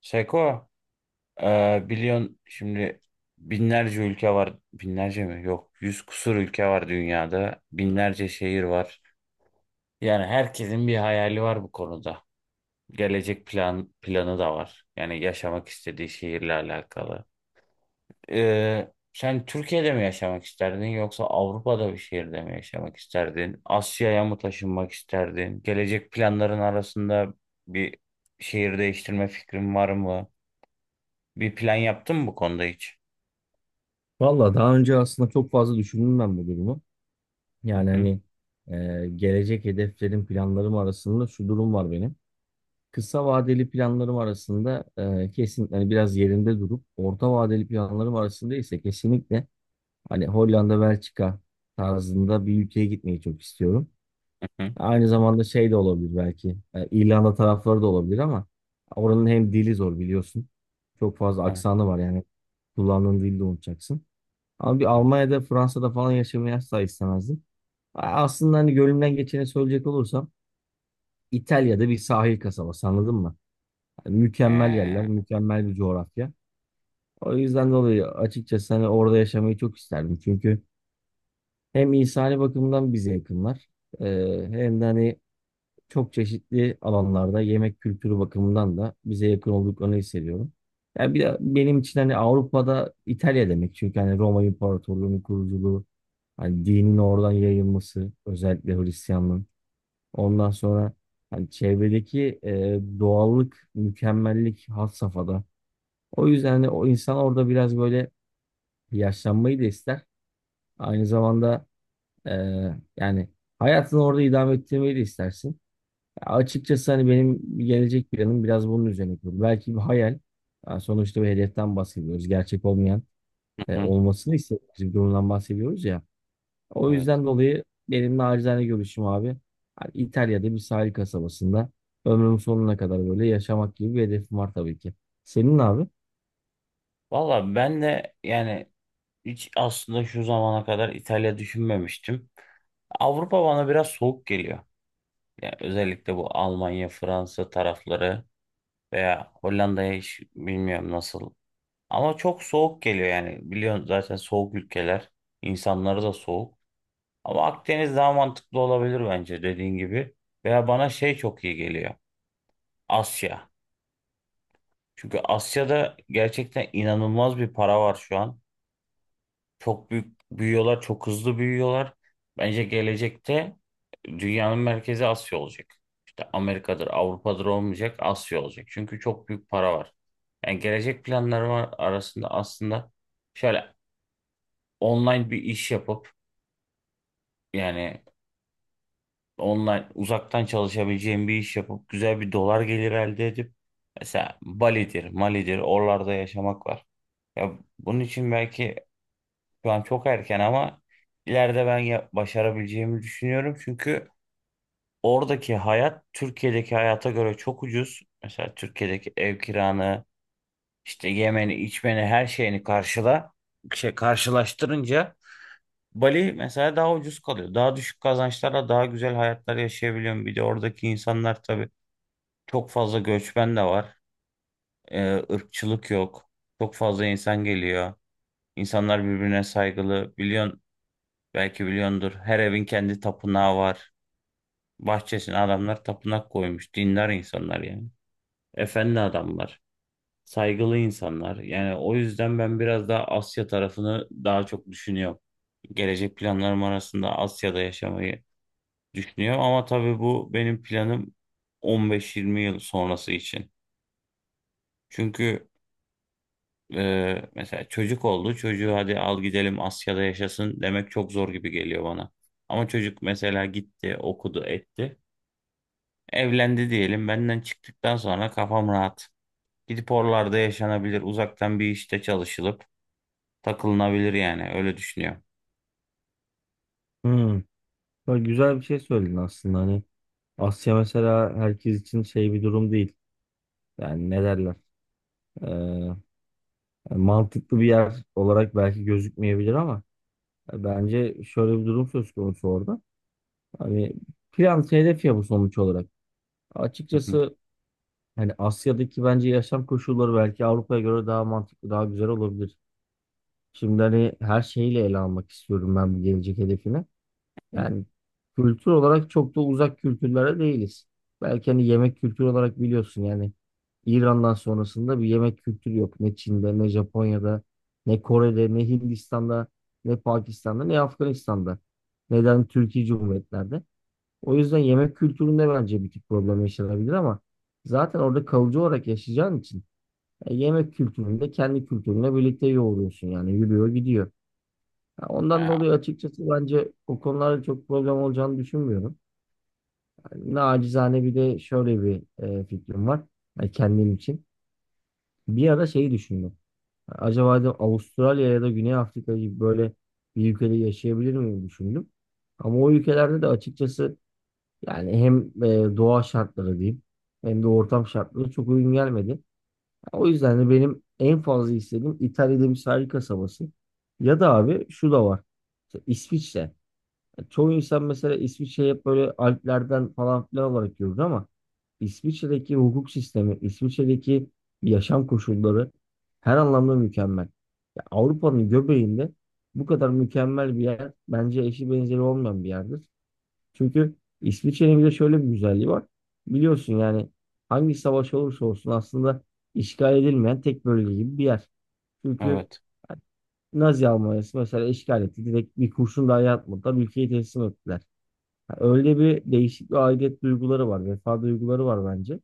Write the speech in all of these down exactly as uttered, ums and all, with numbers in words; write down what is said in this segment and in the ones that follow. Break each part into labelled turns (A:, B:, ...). A: Seko, e, biliyorsun şimdi binlerce ülke var. Binlerce mi? Yok. Yüz kusur ülke var dünyada. Binlerce şehir var. Yani herkesin bir hayali var bu konuda. Gelecek plan planı da var. Yani yaşamak istediği şehirle alakalı. E, sen Türkiye'de mi yaşamak isterdin yoksa Avrupa'da bir şehirde mi yaşamak isterdin? Asya'ya mı taşınmak isterdin? Gelecek planların arasında bir şehir değiştirme fikrin var mı? Bir plan yaptın mı bu konuda hiç?
B: Valla daha önce aslında çok fazla düşündüm ben bu durumu.
A: Hı
B: Yani
A: hı
B: hani e, gelecek hedeflerim, planlarım arasında şu durum var benim. Kısa vadeli planlarım arasında e, kesinlikle hani biraz yerinde durup orta vadeli planlarım arasında ise kesinlikle hani Hollanda, Belçika tarzında bir ülkeye gitmeyi çok istiyorum.
A: hı. Hı.
B: Aynı zamanda şey de olabilir belki e, İrlanda tarafları da olabilir ama oranın hem dili zor biliyorsun. Çok fazla
A: Evet.
B: aksanı var yani kullandığın dili de unutacaksın. Ama bir
A: Evet.
B: Almanya'da, Fransa'da falan yaşamayı asla istemezdim. Aslında hani gönlümden geçeni söyleyecek olursam İtalya'da bir sahil kasabası anladın mı? Hani mükemmel yerler,
A: Ee,
B: mükemmel bir coğrafya. O yüzden dolayı açıkçası hani orada yaşamayı çok isterdim. Çünkü hem insani bakımdan bize yakınlar, e, hem de hani çok çeşitli alanlarda yemek kültürü bakımından da bize yakın olduklarını hissediyorum. Yani bir de benim için hani Avrupa'da İtalya demek. Çünkü hani Roma İmparatorluğu'nun kuruculuğu, hani dinin oradan yayılması özellikle Hristiyanlığın. Ondan sonra hani çevredeki e, doğallık, mükemmellik had safhada. O yüzden hani o insan orada biraz böyle yaşlanmayı da ister. Aynı zamanda e, yani hayatını orada idame ettirmeyi de istersin. Ya açıkçası hani benim gelecek planım biraz bunun üzerine kurulu. Belki bir hayal. Yani sonuçta bir hedeften bahsediyoruz. Gerçek olmayan,
A: hı
B: e,
A: hı.
B: olmasını istediğimiz bir durumdan bahsediyoruz ya. O
A: Evet.
B: yüzden dolayı benim nacizane görüşüm abi. Hani İtalya'da bir sahil kasabasında ömrümün sonuna kadar böyle yaşamak gibi bir hedefim var tabii ki. Senin ne abi?
A: Valla ben de yani hiç aslında şu zamana kadar İtalya düşünmemiştim. Avrupa bana biraz soğuk geliyor. Yani özellikle bu Almanya, Fransa tarafları veya Hollanda'ya hiç bilmiyorum nasıl. Ama çok soğuk geliyor yani. Biliyorsun zaten soğuk ülkeler. İnsanları da soğuk. Ama Akdeniz daha mantıklı olabilir bence dediğin gibi. Veya bana şey çok iyi geliyor. Asya. Çünkü Asya'da gerçekten inanılmaz bir para var şu an. Çok büyük büyüyorlar, çok hızlı büyüyorlar. Bence gelecekte dünyanın merkezi Asya olacak. İşte Amerika'dır, Avrupa'dır olmayacak, Asya olacak. Çünkü çok büyük para var. Yani gelecek planlarım var arasında aslında şöyle online bir iş yapıp yani online uzaktan çalışabileceğim bir iş yapıp güzel bir dolar gelir elde edip mesela Bali'dir, Mali'dir oralarda yaşamak var. Ya bunun için belki şu an çok erken ama ileride ben ya- başarabileceğimi düşünüyorum. Çünkü oradaki hayat Türkiye'deki hayata göre çok ucuz. Mesela Türkiye'deki ev kiranı, işte yemeni, içmeni, her şeyini karşıla, şey karşılaştırınca Bali mesela daha ucuz kalıyor. Daha düşük kazançlarla daha güzel hayatlar yaşayabiliyorum. Bir de oradaki insanlar tabii çok fazla göçmen de var. Ee, ırkçılık yok. Çok fazla insan geliyor. İnsanlar birbirine saygılı. Biliyorsun. Belki biliyordur. Her evin kendi tapınağı var. Bahçesine adamlar tapınak koymuş. Dindar insanlar yani. Efendi adamlar. Saygılı insanlar. Yani o yüzden ben biraz daha Asya tarafını daha çok düşünüyorum. Gelecek planlarım arasında Asya'da yaşamayı düşünüyorum. Ama tabii bu benim planım on beş yirmi yıl sonrası için. Çünkü e, mesela çocuk oldu. Çocuğu hadi al gidelim Asya'da yaşasın demek çok zor gibi geliyor bana. Ama çocuk mesela gitti, okudu, etti. Evlendi diyelim. Benden çıktıktan sonra kafam rahat. Gidip oralarda yaşanabilir. Uzaktan bir işte çalışılıp takılınabilir yani. Öyle düşünüyorum.
B: Hmm. Böyle güzel bir şey söyledin aslında. Hani Asya mesela herkes için şey bir durum değil. Yani ne derler? Ee, yani mantıklı bir yer olarak belki gözükmeyebilir ama bence şöyle bir durum söz konusu orada. Hani plan hedef ya bu sonuç olarak.
A: Hı hı.
B: Açıkçası. Yani Asya'daki bence yaşam koşulları belki Avrupa'ya göre daha mantıklı, daha güzel olabilir. Şimdi hani her şeyiyle ele almak istiyorum ben bu gelecek hedefini.
A: Hı.
B: Yani kültür olarak çok da uzak kültürlere değiliz. Belki hani yemek kültürü olarak biliyorsun yani İran'dan sonrasında bir yemek kültürü yok. Ne Çin'de, ne Japonya'da, ne Kore'de, ne Hindistan'da, ne Pakistan'da, ne Afganistan'da. Neden Türkiye Cumhuriyetlerde? O yüzden yemek kültüründe bence bir tık problem yaşanabilir ama zaten orada kalıcı olarak yaşayacağın için e, yemek kültüründe kendi kültürünle birlikte yoğuruyorsun yani yürüyor gidiyor. Ha, ondan
A: Ya,
B: dolayı açıkçası bence o konularda çok problem olacağını düşünmüyorum. Yani nacizane bir de şöyle bir e, fikrim var yani kendim için. Bir ara şeyi düşündüm. Acaba dedim Avustralya ya da Güney Afrika gibi böyle bir ülkede yaşayabilir miyim düşündüm. Ama o ülkelerde de açıkçası yani hem e, doğa şartları diyeyim hem de ortam şartları çok uygun gelmedi. O yüzden de benim en fazla istediğim İtalya'da bir sahil kasabası. Ya da abi şu da var. İşte İsviçre. Yani çoğu insan mesela İsviçre'yi hep böyle Alplerden falan filan olarak görür ama İsviçre'deki hukuk sistemi, İsviçre'deki yaşam koşulları her anlamda mükemmel. Ya Avrupa'nın göbeğinde bu kadar mükemmel bir yer bence eşi benzeri olmayan bir yerdir. Çünkü İsviçre'nin bir de şöyle bir güzelliği var. Biliyorsun yani hangi savaş olursa olsun aslında işgal edilmeyen tek bölge gibi bir yer. Çünkü
A: evet.
B: Nazi Almanya'sı mesela işgal etti. Direkt bir kurşun dahi atmadan ülkeyi teslim ettiler. Yani öyle bir değişik bir aidiyet duyguları var. Vefa duyguları var bence.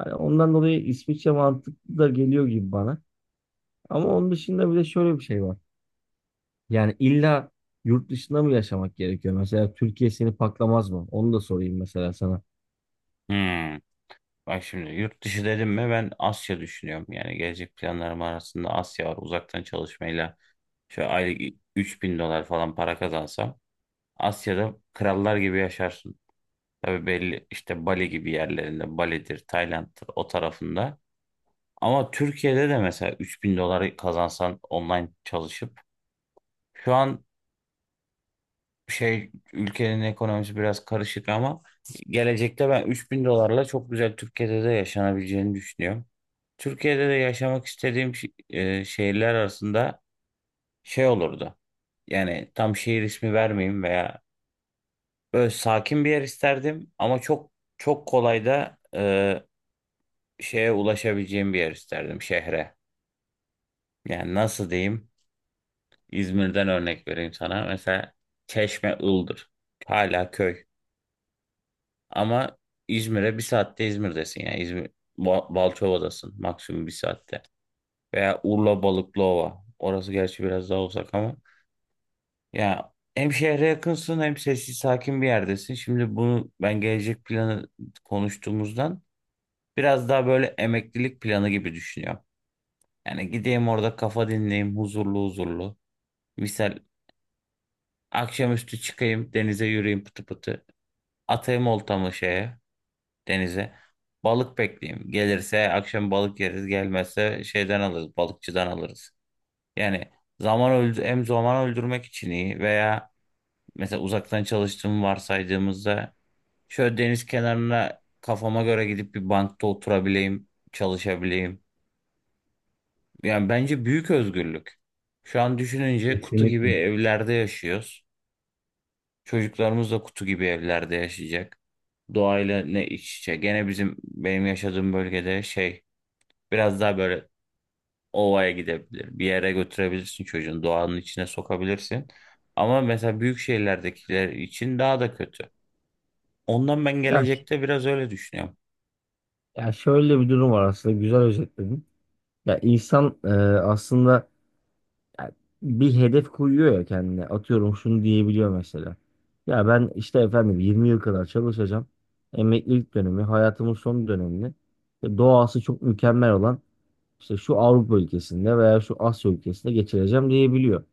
B: Yani ondan dolayı İsviçre mantıklı da geliyor gibi bana. Ama onun dışında bir de şöyle bir şey var. Yani illa yurt dışında mı yaşamak gerekiyor? Mesela Türkiye seni paklamaz mı? Onu da sorayım mesela sana.
A: Hmm. Bak şimdi yurt dışı dedim mi ben Asya düşünüyorum. Yani gelecek planlarım arasında Asya var. Uzaktan çalışmayla şöyle aylık üç bin dolar falan para kazansam Asya'da krallar gibi yaşarsın. Tabii belli işte Bali gibi yerlerinde Bali'dir, Tayland'dır o tarafında. Ama Türkiye'de de mesela üç bin doları kazansan online çalışıp şu an şey ülkenin ekonomisi biraz karışık ama gelecekte ben üç bin dolarla çok güzel Türkiye'de de yaşanabileceğini düşünüyorum. Türkiye'de de yaşamak istediğim şi- e, şehirler arasında şey olurdu. Yani tam şehir ismi vermeyeyim veya böyle sakin bir yer isterdim ama çok çok kolay da e, şeye ulaşabileceğim bir yer isterdim şehre. Yani nasıl diyeyim? İzmir'den örnek vereyim sana. Mesela Çeşme Iğdır. Hala köy. Ama İzmir'e bir saatte İzmir'desin yani. İzmir, Ba- Balçova'dasın maksimum bir saatte. Veya Urla Balıklıova. Orası gerçi biraz daha uzak ama. Ya hem şehre yakınsın hem sessiz sakin bir yerdesin. Şimdi bunu ben gelecek planı konuştuğumuzdan biraz daha böyle emeklilik planı gibi düşünüyorum. Yani gideyim orada kafa dinleyeyim huzurlu huzurlu. Misal akşamüstü çıkayım denize yürüyeyim pıtı pıtı. Atayım oltamı şeye, denize. Balık bekleyeyim. Gelirse akşam balık yeriz. Gelmezse şeyden alırız, balıkçıdan alırız. Yani zaman öldü hem zaman öldürmek için iyi veya mesela uzaktan çalıştığımı varsaydığımızda şöyle deniz kenarına kafama göre gidip bir bankta oturabileyim, çalışabileyim. Yani bence büyük özgürlük. Şu an düşününce kutu gibi
B: Kesinlikle.
A: evlerde yaşıyoruz. Çocuklarımız da kutu gibi evlerde yaşayacak. Doğayla ne iç içe. Gene bizim benim yaşadığım bölgede şey biraz daha böyle ovaya gidebilir. Bir yere götürebilirsin çocuğun doğanın içine sokabilirsin. Ama mesela büyük şehirlerdekiler için daha da kötü. Ondan ben
B: Ya, ş-
A: gelecekte biraz öyle düşünüyorum.
B: ya şöyle bir durum var aslında, güzel özetledin. Ya insan, e, aslında ya bir hedef koyuyor ya kendine. Atıyorum şunu diyebiliyor mesela. Ya ben işte efendim yirmi yıl kadar çalışacağım. Emeklilik dönemi, hayatımın son dönemini işte doğası çok mükemmel olan işte şu Avrupa ülkesinde veya şu Asya ülkesinde geçireceğim diyebiliyor.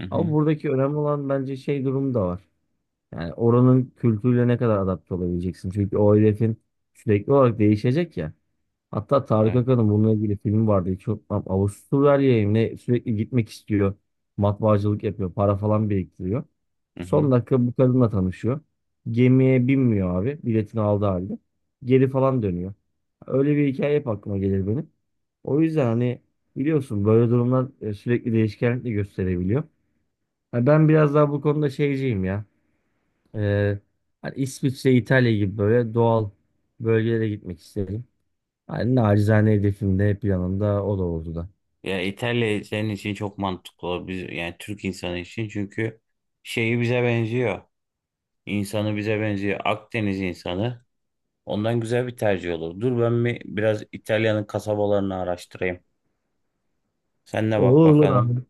A: Hı
B: Ama
A: hı.
B: buradaki önemli olan bence şey durumu da var. Yani oranın kültürüyle ne kadar adapte olabileceksin. Çünkü o hedefin sürekli olarak değişecek ya. Hatta Tarık
A: Evet.
B: Akan'ın bununla ilgili filmi vardı. Hiç unutmam. Avusturya'ya mı ne sürekli gitmek istiyor. Matbaacılık yapıyor. Para falan biriktiriyor.
A: Hı
B: Son
A: hı.
B: dakika bu kadınla tanışıyor. Gemiye binmiyor abi. Biletini aldı halde. Geri falan dönüyor. Öyle bir hikaye hep aklıma gelir benim. O yüzden hani biliyorsun böyle durumlar e, sürekli değişkenlik de gösterebiliyor. Ha, ben biraz daha bu konuda şeyciyim ya. Ee, Hani İsviçre, İtalya gibi böyle doğal bölgelere gitmek isterim. Yani nacizane hedefim de hep yanında o da oldu da.
A: Ya İtalya senin için çok mantıklı olur. Biz, yani Türk insanı için çünkü şeyi bize benziyor. İnsanı bize benziyor. Akdeniz insanı. Ondan güzel bir tercih olur. Dur ben bir biraz İtalya'nın kasabalarını araştırayım. Sen de bak
B: Olur olur
A: bakalım.
B: abi.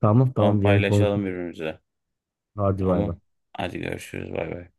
B: Tamam
A: Sonra
B: tamam gene
A: paylaşalım
B: konuşuruz.
A: birbirimize.
B: Hadi bay
A: Tamam.
B: bay.
A: Hadi görüşürüz. Bay bay.